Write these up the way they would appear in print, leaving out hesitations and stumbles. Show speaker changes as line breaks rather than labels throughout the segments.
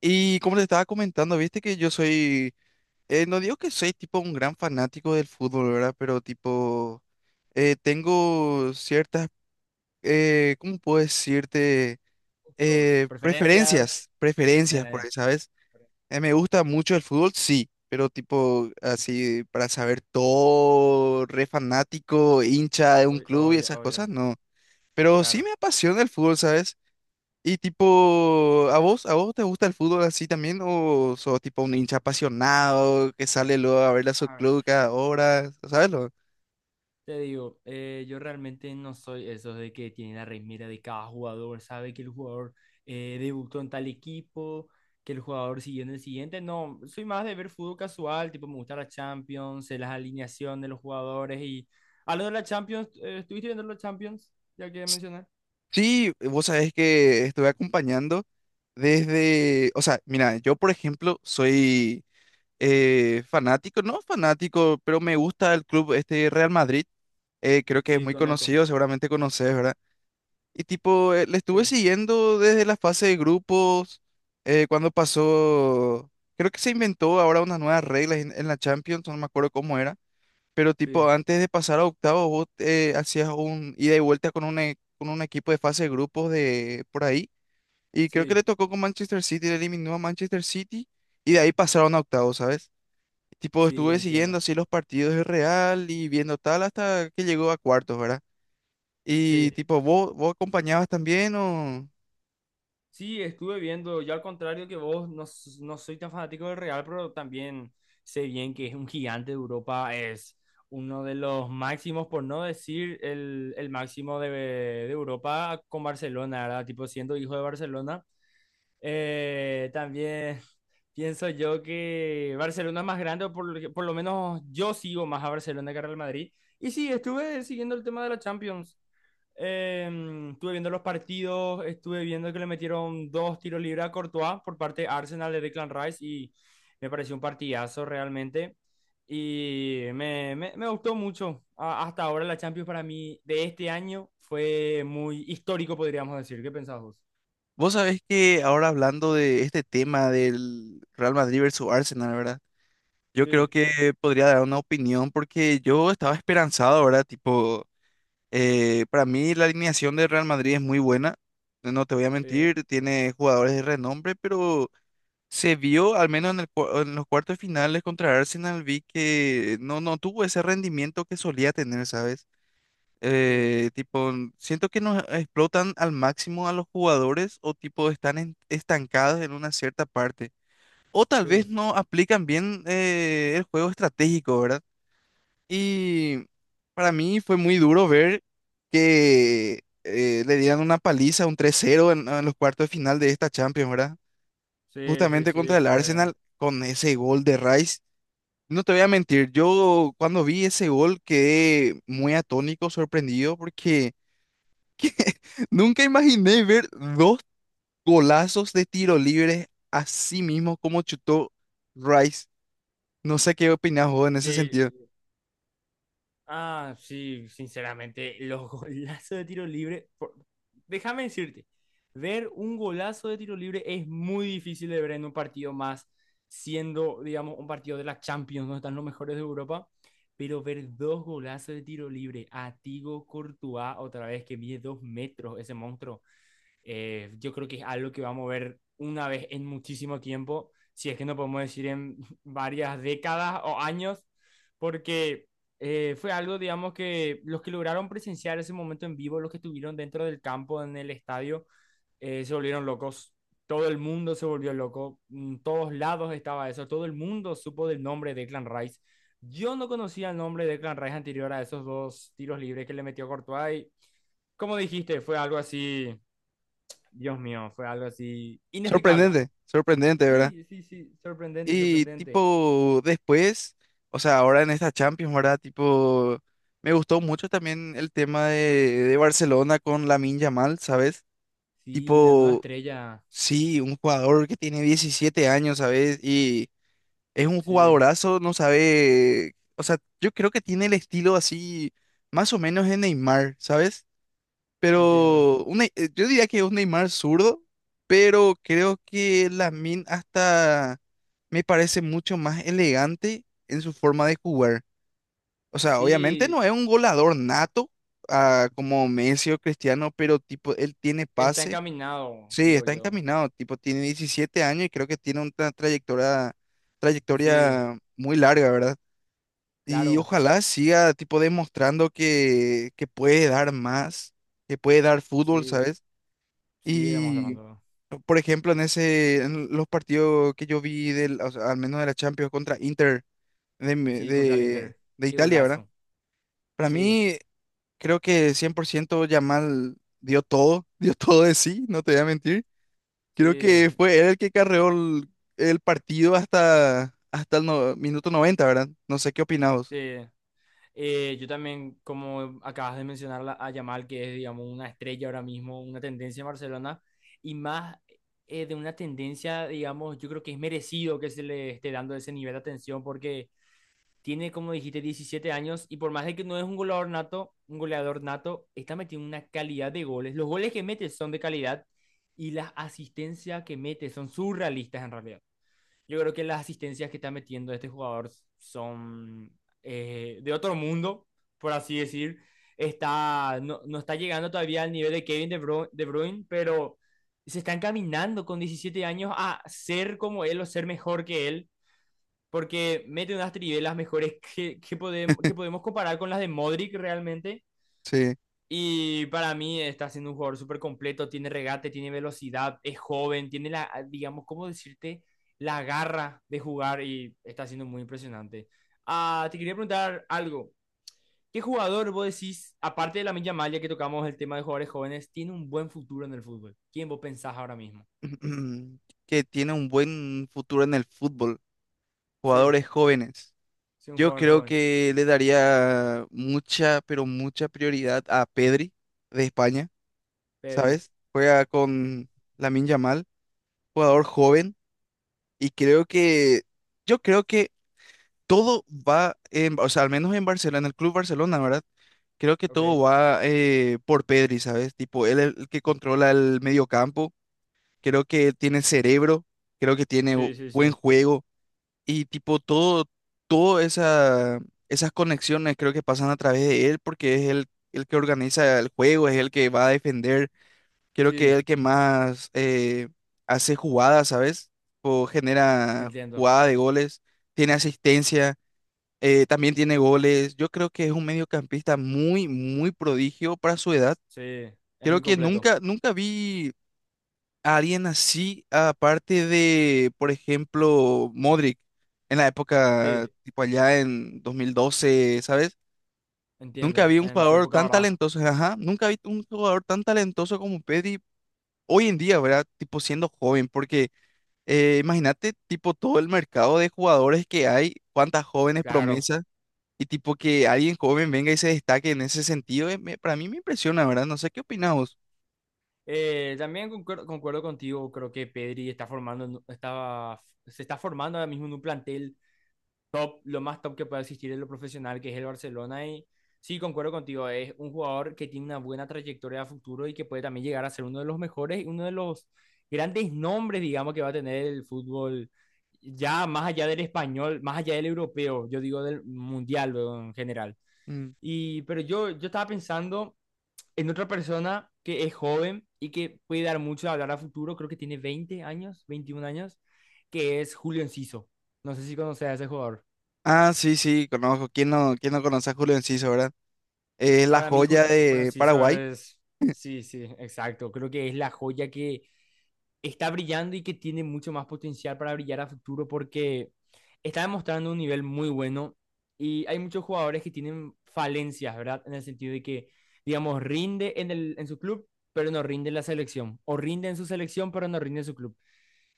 Y como te estaba comentando, viste que yo soy, no digo que soy tipo un gran fanático del fútbol, ¿verdad? Pero tipo, tengo ciertas, ¿cómo puedo decirte?
Gustos, preferencias.
Preferencias, preferencias por
eh,
ahí, ¿sabes? Me gusta mucho el fútbol, sí, pero tipo, así, para saber todo, re fanático, hincha de un
Obvio,
club y
obvio,
esas
obvio,
cosas, no. Pero sí
claro.
me apasiona el fútbol, ¿sabes? Y tipo, ¿a vos te gusta el fútbol así también? ¿O sos tipo un hincha apasionado que sale luego a ver a su
A ver,
club cada hora? ¿Sabes lo?
te digo, yo realmente no soy esos de que tiene la remera de cada jugador, sabe que el jugador debutó en tal equipo, que el jugador siguió en el siguiente. No, soy más de ver fútbol casual, tipo me gusta la Champions, sé las alineaciones de los jugadores y... Algo de la Champions, ¿estuviste viendo la Champions? Ya que mencionar.
Sí, vos sabés que estuve acompañando desde, o sea, mira, yo por ejemplo soy fanático, no fanático, pero me gusta el club este Real Madrid, creo que es
Sí,
muy
conozco.
conocido, seguramente conoces, ¿verdad? Y tipo, le estuve
Sí.
siguiendo desde la fase de grupos, cuando pasó, creo que se inventó ahora unas nuevas reglas en la Champions, no me acuerdo cómo era, pero tipo,
Sí,
antes de pasar a octavos, vos hacías un ida y vuelta con un, con un equipo de fase de grupos de por ahí, y creo que le
sí,
tocó con Manchester City, le eliminó a Manchester City, y de ahí pasaron a octavos, ¿sabes? Tipo,
sí,
estuve siguiendo
entiendo.
así los partidos de Real y viendo tal hasta que llegó a cuartos, ¿verdad? Y
Sí.
tipo, ¿vos acompañabas también o...?
Sí, estuve viendo, yo al contrario que vos, no, no soy tan fanático del Real, pero también sé bien que es un gigante de Europa, es uno de los máximos, por no decir el máximo de Europa con Barcelona, ¿verdad? Tipo siendo hijo de Barcelona. También pienso yo que Barcelona es más grande, o por, por lo menos yo sigo más a Barcelona que a Real Madrid. Y sí, estuve siguiendo el tema de la Champions. Eh, estuve viendo los partidos, estuve viendo que le metieron dos tiros libres a Courtois por parte de Arsenal de Declan Rice y me pareció un partidazo realmente. Y me gustó mucho. Hasta ahora la Champions para mí de este año fue muy histórico, podríamos decir. ¿Qué pensás vos?
Vos sabés que ahora hablando de este tema del Real Madrid versus Arsenal, ¿verdad? Yo creo
Sí,
que podría dar una opinión porque yo estaba esperanzado, ¿verdad? Tipo, para mí la alineación del Real Madrid es muy buena, no te voy a
sí,
mentir, tiene jugadores de renombre, pero se vio, al menos en el, en los cuartos finales contra Arsenal, vi que no, no tuvo ese rendimiento que solía tener, ¿sabes?
sí,
Tipo, siento que no explotan al máximo a los jugadores o tipo están estancados en una cierta parte. O tal vez
sí,
no aplican bien el juego estratégico, ¿verdad? Y para mí fue muy duro ver que le dieran una paliza, un tres cero en los cuartos de final de esta Champions, ¿verdad?
sí, sí,
Justamente contra
sí,
el
fue.
Arsenal con ese gol de Rice. No te voy a mentir, yo cuando vi ese gol quedé muy atónico, sorprendido, porque nunca imaginé ver dos golazos de tiro libre así mismo como chutó Rice. No sé qué opinas vos en ese sentido.
Sí, ah, sí, sinceramente, los golazos de tiro libre, déjame decirte, ver un golazo de tiro libre es muy difícil de ver en un partido más, siendo, digamos, un partido de la Champions, donde están los mejores de Europa, pero ver dos golazos de tiro libre, a Thibaut Courtois, otra vez que mide dos metros ese monstruo. Yo creo que es algo que vamos a ver una vez en muchísimo tiempo, si es que no podemos decir en varias décadas o años, porque fue algo, digamos, que los que lograron presenciar ese momento en vivo, los que estuvieron dentro del campo, en el estadio, se volvieron locos. Todo el mundo se volvió loco, en todos lados estaba eso, todo el mundo supo del nombre de Clan Rice. Yo no conocía el nombre de Clan Rice anterior a esos dos tiros libres que le metió Courtois y, como dijiste, fue algo así Dios mío, fue algo así inexplicable.
Sorprendente, sorprendente, ¿verdad?
Sí, sí, sí, sorprendente,
Y
sorprendente.
tipo, después, o sea, ahora en esta Champions, ¿verdad? Tipo, me gustó mucho también el tema de Barcelona con Lamine Yamal, ¿sabes?
Sí, la nueva
Tipo,
estrella,
sí, un jugador que tiene 17 años, ¿sabes? Y es un
sí,
jugadorazo, no sabe, o sea, yo creo que tiene el estilo así, más o menos de Neymar, ¿sabes?
entiendo.
Pero un yo diría que es un Neymar zurdo, pero creo que Lamine hasta me parece mucho más elegante en su forma de jugar. O sea, obviamente
Sí,
no es un goleador nato, ah, como Messi o Cristiano, pero tipo, él tiene
está
pase.
encaminado,
Sí,
digo
está
yo.
encaminado, tipo, tiene 17 años y creo que tiene una trayectoria,
Sí,
trayectoria muy larga, ¿verdad? Y
claro,
ojalá siga, tipo, demostrando que puede dar más, que puede dar fútbol,
sí,
¿sabes?
sí, estamos
Y,
hablando.
por ejemplo, en ese, en los partidos que yo vi, del, o sea, al menos de la Champions contra Inter de,
Sí, contra el Inter,
de
qué
Italia, ¿verdad?
golazo.
Para
Sí,
mí, creo que 100% Yamal dio todo, dio todo de sí, no te voy a mentir. Creo
sí,
que fue él el que carreó el partido hasta, hasta el minuto 90, ¿verdad? No sé qué opinamos.
sí. Yo también, como acabas de mencionar a Yamal, que es, digamos, una estrella ahora mismo, una tendencia en Barcelona, y más de una tendencia, digamos, yo creo que es merecido que se le esté dando ese nivel de atención, porque tiene, como dijiste, 17 años, y por más de que no es un goleador nato, está metiendo una calidad de goles. Los goles que mete son de calidad, y las asistencias que mete son surrealistas en realidad. Yo creo que las asistencias que está metiendo este jugador son de otro mundo, por así decir. Está, no, no está llegando todavía al nivel de Kevin de Bruyne, pero se está encaminando con 17 años a ser como él o ser mejor que él, porque mete unas trivelas mejores que podemos comparar con las de Modric realmente
Sí.
y para mí está siendo un jugador súper completo, tiene regate, tiene velocidad, es joven, tiene la, ah, digamos, ¿cómo decirte? La garra de jugar y está siendo muy impresionante. Ah, te quería preguntar algo. ¿Qué jugador vos decís, aparte de la Yamal, ya que tocamos el tema de jugadores jóvenes, tiene un buen futuro en el fútbol? ¿Quién vos pensás ahora mismo?
Que tiene un buen futuro en el fútbol.
Sí,
Jugadores jóvenes.
sí, un
Yo
jugador
creo
joven.
que le daría mucha, pero mucha prioridad a Pedri de España,
Pedri.
¿sabes? Juega
Sí.
con Lamine Yamal, jugador joven. Y creo que, yo creo que todo va, en, o sea, al menos en Barcelona, en el Club Barcelona, ¿verdad? Creo que
Ok.
todo va por Pedri, ¿sabes? Tipo, él es el que controla el mediocampo. Creo que tiene cerebro, creo que tiene
Sí, sí,
buen
sí.
juego y tipo todo, todo esa, esas conexiones creo que pasan a través de él porque es el que organiza el juego, es el que va a defender. Creo que es
Sí,
el que más hace jugadas, ¿sabes? O genera
entiendo.
jugada de goles, tiene asistencia también tiene goles. Yo creo que es un mediocampista muy, muy prodigio para su edad.
Sí, es
Creo
muy
que
completo.
nunca, nunca vi a alguien así, aparte de, por ejemplo, Modric, en la época,
Sí,
tipo allá en 2012, ¿sabes? Nunca
entiendo.
vi un
En su
jugador
época,
tan
¿verdad?
talentoso, ajá, nunca vi un jugador tan talentoso como Pedri hoy en día, ¿verdad? Tipo siendo joven, porque imagínate, tipo todo el mercado de jugadores que hay, cuántas jóvenes
Claro.
promesas. Y tipo que alguien joven venga y se destaque en ese sentido, para mí me impresiona, ¿verdad? No sé qué opinas vos.
También concuerdo, contigo, creo que Pedri está formando, estaba, se está formando ahora mismo en un plantel top, lo más top que pueda existir en lo profesional, que es el Barcelona. Y sí, concuerdo contigo, es un jugador que tiene una buena trayectoria a futuro y que puede también llegar a ser uno de los mejores, uno de los grandes nombres, digamos, que va a tener el fútbol, ya más allá del español, más allá del europeo, yo digo del mundial, luego, en general.
Mm.
Y, pero yo estaba pensando en otra persona que es joven y que puede dar mucho a hablar a futuro, creo que tiene 20 años, 21 años, que es Julio Enciso. No sé si conoces a ese jugador.
Ah, sí, sí, conozco. ¿Quién no conoce a Julio Enciso, verdad? Es la
Para mí,
joya
Julio
de
Enciso
Paraguay.
es. Sí, sí, exacto. Creo que es la joya que está brillando y que tiene mucho más potencial para brillar a futuro porque está demostrando un nivel muy bueno y hay muchos jugadores que tienen falencias, ¿verdad? En el sentido de que, digamos, rinde en, el, en su club, pero no rinde en la selección, o rinde en su selección, pero no rinde en su club.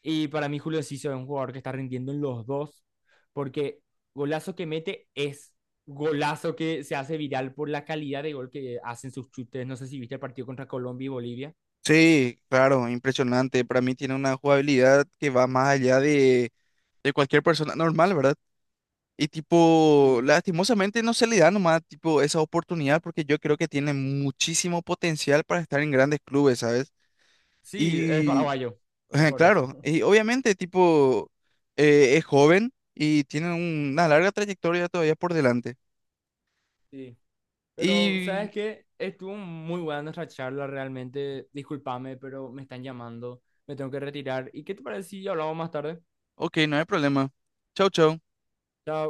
Y para mí Julio Ciso es un jugador que está rindiendo en los dos, porque golazo que mete es golazo que se hace viral por la calidad de gol que hacen sus chutes. No sé si viste el partido contra Colombia y Bolivia.
Sí, claro, impresionante. Para mí tiene una jugabilidad que va más allá de cualquier persona normal, ¿verdad? Y tipo,
Sí.
lastimosamente no se le da nomás tipo esa oportunidad porque yo creo que tiene muchísimo potencial para estar en grandes clubes, ¿sabes?
Sí, es
Y
paraguayo, es
ajá,
por eso.
claro, y obviamente tipo es joven y tiene una larga trayectoria todavía por delante.
Sí. Pero, ¿sabes
Y
qué? Estuvo muy buena nuestra charla, realmente. Discúlpame, pero me están llamando, me tengo que retirar. ¿Y qué te parece si hablamos más tarde?
ok, no hay problema. Chau, chau.
Chao.